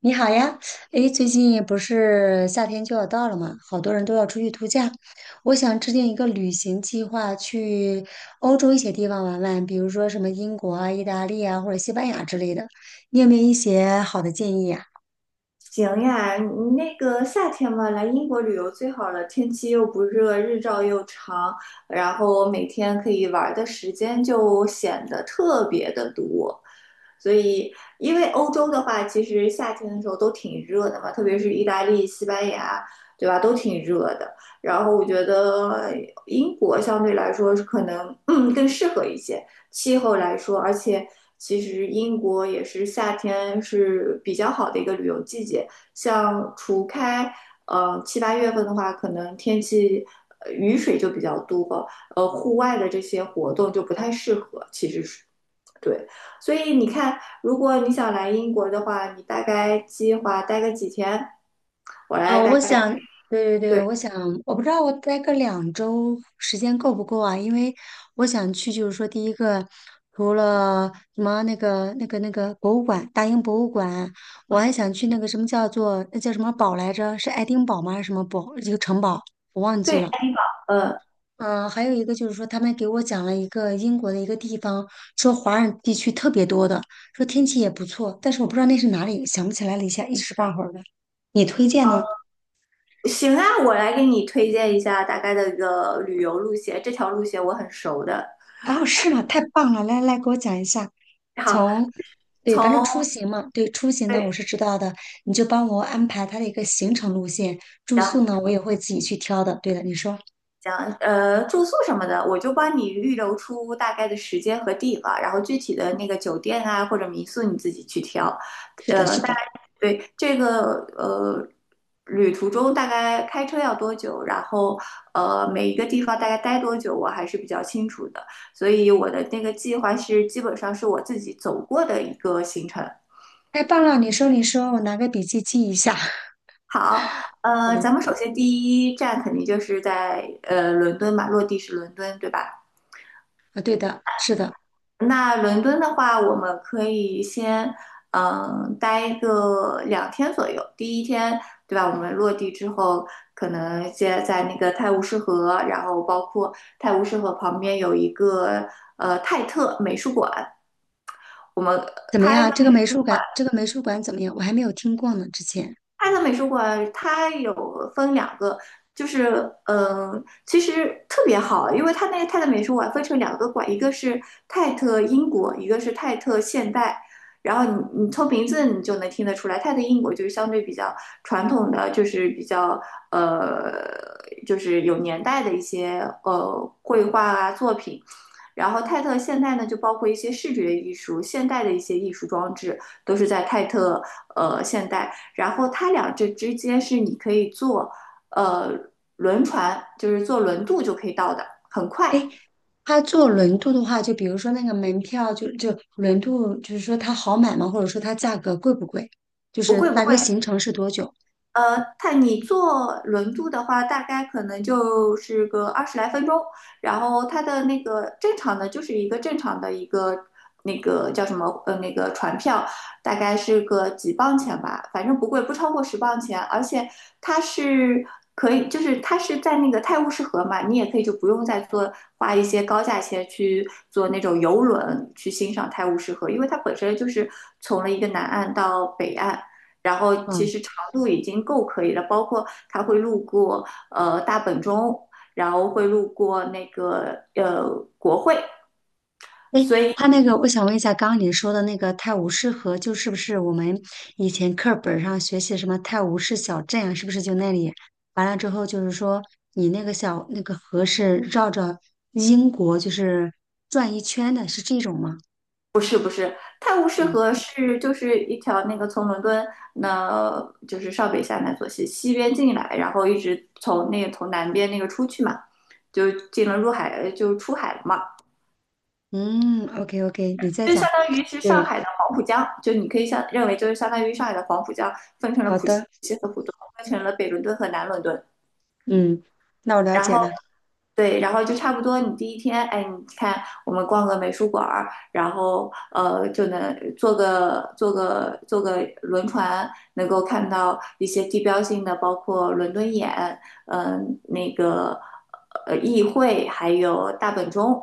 你好呀，诶，最近不是夏天就要到了嘛，好多人都要出去度假。我想制定一个旅行计划，去欧洲一些地方玩玩，比如说什么英国啊、意大利啊或者西班牙之类的。你有没有一些好的建议呀？行呀，你那个夏天嘛，来英国旅游最好了，天气又不热，日照又长，然后每天可以玩儿的时间就显得特别的多。所以，因为欧洲的话，其实夏天的时候都挺热的嘛，特别是意大利、西班牙，对吧，都挺热的。然后我觉得英国相对来说是可能，更适合一些。气候来说，而且其实英国也是夏天是比较好的一个旅游季节。像除开七八月份的话，可能天气雨水就比较多，户外的这些活动就不太适合。其实是对，所以你看，如果你想来英国的话，你大概计划待个几天？我来大我概。想，对对对，对。我想，我不知道我待个2周时间够不够啊？因为我想去，就是说，第一个，除了什么那个博物馆，大英博物馆，我嗯，还想去那个什么叫做那叫什么堡来着？是爱丁堡吗？还是什么堡？一个城堡，我忘记对，了。嗯。嗯、还有一个就是说，他们给我讲了一个英国的一个地方，说华人地区特别多的，说天气也不错，但是我不知道那是哪里，想不起来了一下，一时半会儿的。你推荐呢？行啊，我来给你推荐一下大概的一个旅游路线，这条路线我很熟的。哦，是吗？太棒了！来来，给我讲一下。好。从，对，从。反正出行嘛，对，出行呢我对。是知道的，你就帮我安排它的一个行程路线，住宿呢我也会自己去挑的。对的，你说讲。住宿什么的，我就帮你预留出大概的时间和地方，然后具体的那个酒店啊或者民宿你自己去挑。是的，是大概。的，对。这个旅途中大概开车要多久，然后每一个地方大概待多久，我还是比较清楚的，所以我的那个计划是基本上是我自己走过的一个行程。太棒了！你说，你说，我拿个笔记记一下。好，嗯，咱们首先第一站肯定就是在伦敦嘛，落地是伦敦，对吧？啊，对的，是的，那伦敦的话，我们可以先待个两天左右。第一天，对吧？我们落地之后，可能先在那个泰晤士河，然后包括泰晤士河旁边有一个泰特美术馆，我们怎么它一样？个这个美。美术馆，这个美术馆怎么样？我还没有听过呢，之前。泰特美术馆它有分两个，就是嗯、其实特别好，因为它那个泰特美术馆分成两个馆，一个是泰特英国，一个是泰特现代。然后你从名字你就能听得出来，泰特英国就是相对比较传统的，就是比较呃，就是有年代的一些绘画啊作品。然后泰特现代呢，就包括一些视觉艺术、现代的一些艺术装置，都是在泰特现代。然后它俩这之间是你可以坐呃轮船，就是坐轮渡就可以到的，很快，诶，他坐轮渡的话，就比如说那个门票就，就轮渡，就是说它好买吗？或者说它价格贵不贵？就不是贵不大贵。约行程是多久？它你坐轮渡的话，大概可能就是个20来分钟，然后它的那个正常的就是一个正常的一个那个叫什么那个船票，大概是个几磅钱吧，反正不贵，不超过10磅钱，而且它是可以，就是它是在那个泰晤士河嘛，你也可以就不用再坐花一些高价钱去坐那种游轮去欣赏泰晤士河，因为它本身就是从了一个南岸到北岸。然后其嗯，实长度已经够可以了，包括它会路过大本钟，然后会路过那个国会，诶，所以他那个，我想问一下，刚刚你说的那个泰晤士河，就是不是我们以前课本上学习什么泰晤士小镇啊？是不是就那里？完了之后，就是说你那个小那个河是绕着英国就是转一圈的，是这种吗？泰晤士嗯河是就是一条那个从伦敦那就是上北下南左西西边进来，然后一直从那个从南边那个出去嘛，就进了入海就出海了嘛，嗯，OK OK，你再就讲。相当于是上对，海的黄浦江，就你可以相认为就是相当于上海的黄浦江分成了好浦西的。和浦东，分成了北伦敦和南伦敦。嗯，那我了然解后了。对，然后就差不多你第一天，哎，你看我们逛个美术馆儿，然后就能坐个轮船，能够看到一些地标性的，包括伦敦眼，那个议会，还有大本钟，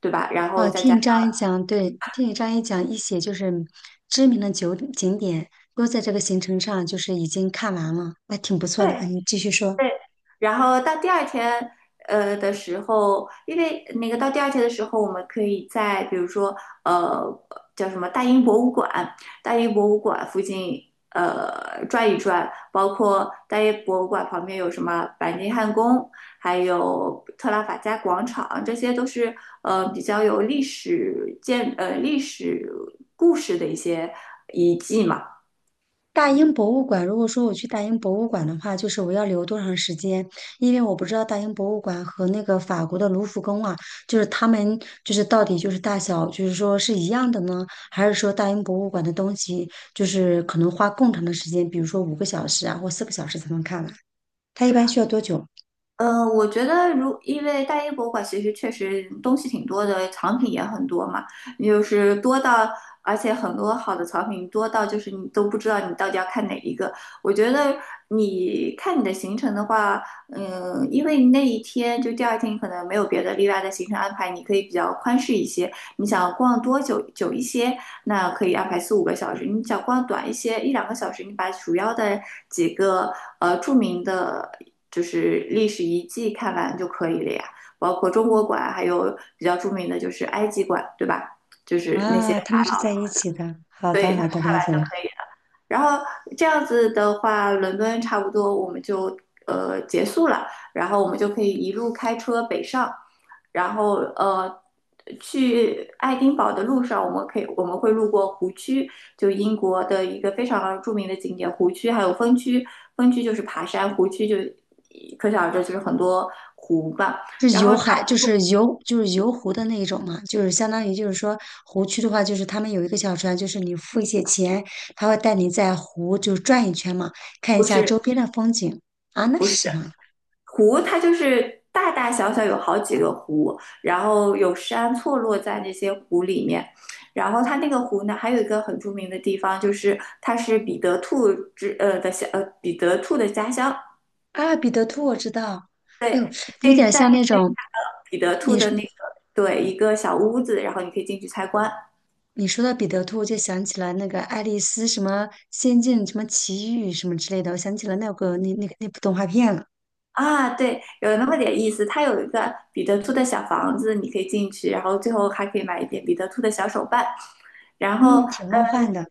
对吧？然后哦，再加听你上。这样一讲，对，听你这样一讲，一些就是知名的酒景点都在这个行程上，就是已经看完了，那挺不错对。的。啊，你继续说。对，然后到第二天的时候，因为那个到第二天的时候，我们可以在比如说，呃，叫什么大英博物馆，大英博物馆附近，转一转，包括大英博物馆旁边有什么白金汉宫，还有特拉法加广场，这些都是比较有历史建，历史故事的一些遗迹嘛。大英博物馆，如果说我去大英博物馆的话，就是我要留多长时间？因为我不知道大英博物馆和那个法国的卢浮宫啊，就是他们就是到底就是大小，就是说是一样的呢，还是说大英博物馆的东西就是可能花更长的时间，比如说5个小时啊或4个小时才能看完？它一般需要多久？嗯，我觉得如因为大英博物馆其实确实东西挺多的，藏品也很多嘛，就是多到，而且很多好的藏品多到就是你都不知道你到底要看哪一个。我觉得你看你的行程的话，因为那一天就第二天你可能没有别的例外的行程安排，你可以比较宽适一些。你想逛多久久一些，那可以安排四五个小时；你想逛短一些，一两个小时，你把主要的几个著名的。就是历史遗迹看完就可以了呀。包括中国馆，还有比较著名的就是埃及馆，对吧？就是那些啊，他们法是老。在一起的。好的，好的，了解了。然后这样子的话，伦敦差不多我们就结束了，然后我们就可以一路开车北上，然后去爱丁堡的路上，我们会路过湖区，就英国的一个非常著名的景点湖区，还有峰区，峰区就是爬山，湖区就可想而知就是很多湖吧，是然后游它海，就是游湖的那一种嘛，就是相当于就是说湖区的话，就是他们有一个小船，就是你付一些钱，他会带你在湖就转一圈嘛，看一不下是。周边的风景。啊，那是什么？湖它就是大大小小有好几个湖，然后有山错落在那些湖里面。然后它那个湖呢，还有一个很著名的地方，就是它是彼得兔的家乡。啊，彼得兔我知道。哎对，呦，你可有以点在像那那边种彼得兔你的那个对一个小屋子，然后你可以进去参观。你说到彼得兔，我就想起了那个爱丽丝什么仙境什么奇遇什么之类的，我想起了那个那部动画片了。啊，对，有那么点意思。它有一个彼得兔的小房子，你可以进去，然后最后还可以买一点彼得兔的小手办。然后嗯，挺梦幻的。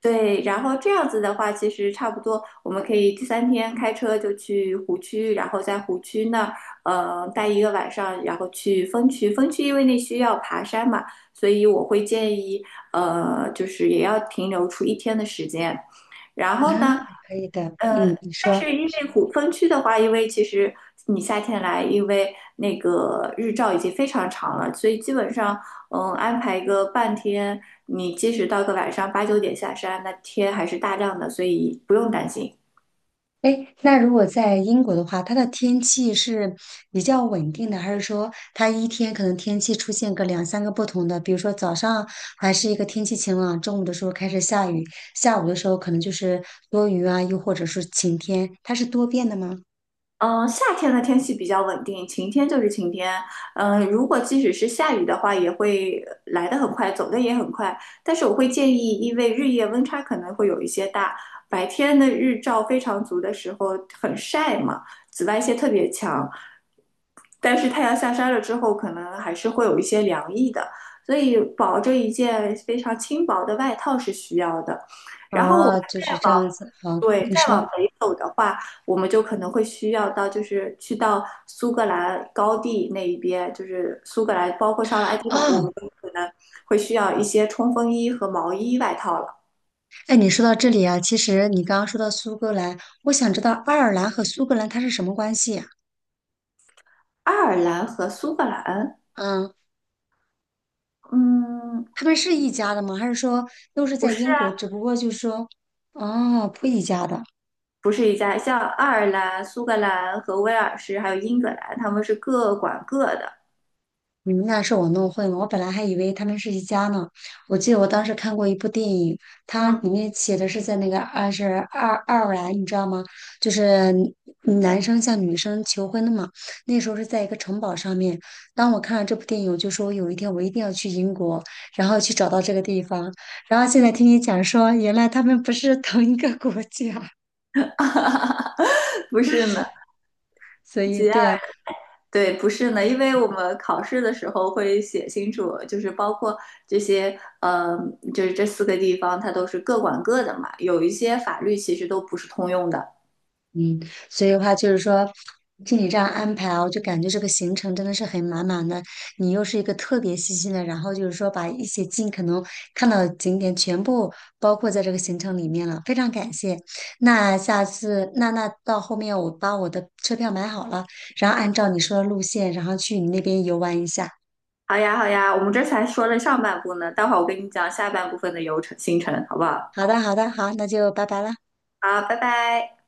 对，然后这样子的话，其实差不多，我们可以第三天开车就去湖区，然后在湖区那儿，待一个晚上，然后去峰区。峰区因为那需要爬山嘛，所以我会建议，就是也要停留出一天的时间。然啊，后呢，可以的，呃，嗯，你但说，是因为虎峰区的话，因为其实你夏天来，因为那个日照已经非常长了，所以基本上，安排一个半天，你即使到个晚上八九点下山，那天还是大亮的，所以不用担心。哎，那如果在英国的话，它的天气是比较稳定的，还是说它一天可能天气出现个两三个不同的？比如说早上还是一个天气晴朗，中午的时候开始下雨，下午的时候可能就是多云啊，又或者是晴天，它是多变的吗？嗯。夏天的天气比较稳定，晴天就是晴天。如果即使是下雨的话，也会来得很快，走得也很快。但是我会建议，因为日夜温差可能会有一些大，白天的日照非常足的时候很晒嘛，紫外线特别强。但是太阳下山了之后，可能还是会有一些凉意的，所以保着一件非常轻薄的外套是需要的。哦，就是这样子。好，对，你再说往北走的话，我们就可能会需要到，就是去到苏格兰高地那一边，就是苏格兰，包括上了爱丁堡，我哦，们就可能会需要一些冲锋衣和毛衣外套了。哎，你说到这里啊，其实你刚刚说到苏格兰，我想知道爱尔兰和苏格兰它是什么关系呀？爱尔兰和苏格兰，嗯。嗯，他们是一家的吗？还是说都是不在是英国？啊，只不过就是说，哦，不一家的。不是一家，像爱尔兰、苏格兰和威尔士，还有英格兰，他们是各管各的。你们那是我弄混了。我本来还以为他们是一家呢。我记得我当时看过一部电影，它嗯，里面写的是在那个二是爱尔兰，你知道吗？就是男生向女生求婚的嘛。那时候是在一个城堡上面。当我看了这部电影，我就说有一天我一定要去英国，然后去找到这个地方。然后现在听你讲说，原来他们不是同一个国家，不是呢。所以对啊。对，不是呢，因为我们考试的时候会写清楚，就是包括这些，就是这四个地方，它都是各管各的嘛。有一些法律其实都不是通用的。嗯，所以的话就是说，听你这样安排啊，我就感觉这个行程真的是很满满的。你又是一个特别细心的，然后就是说把一些尽可能看到的景点全部包括在这个行程里面了，非常感谢。那下次，那那到后面我把我的车票买好了，然后按照你说的路线，然后去你那边游玩一下。好呀，好呀，我们这才说了上半部呢，待会儿我跟你讲下半部分的流程行程，好不好？好的，好的，好，那就拜拜了。好，拜拜。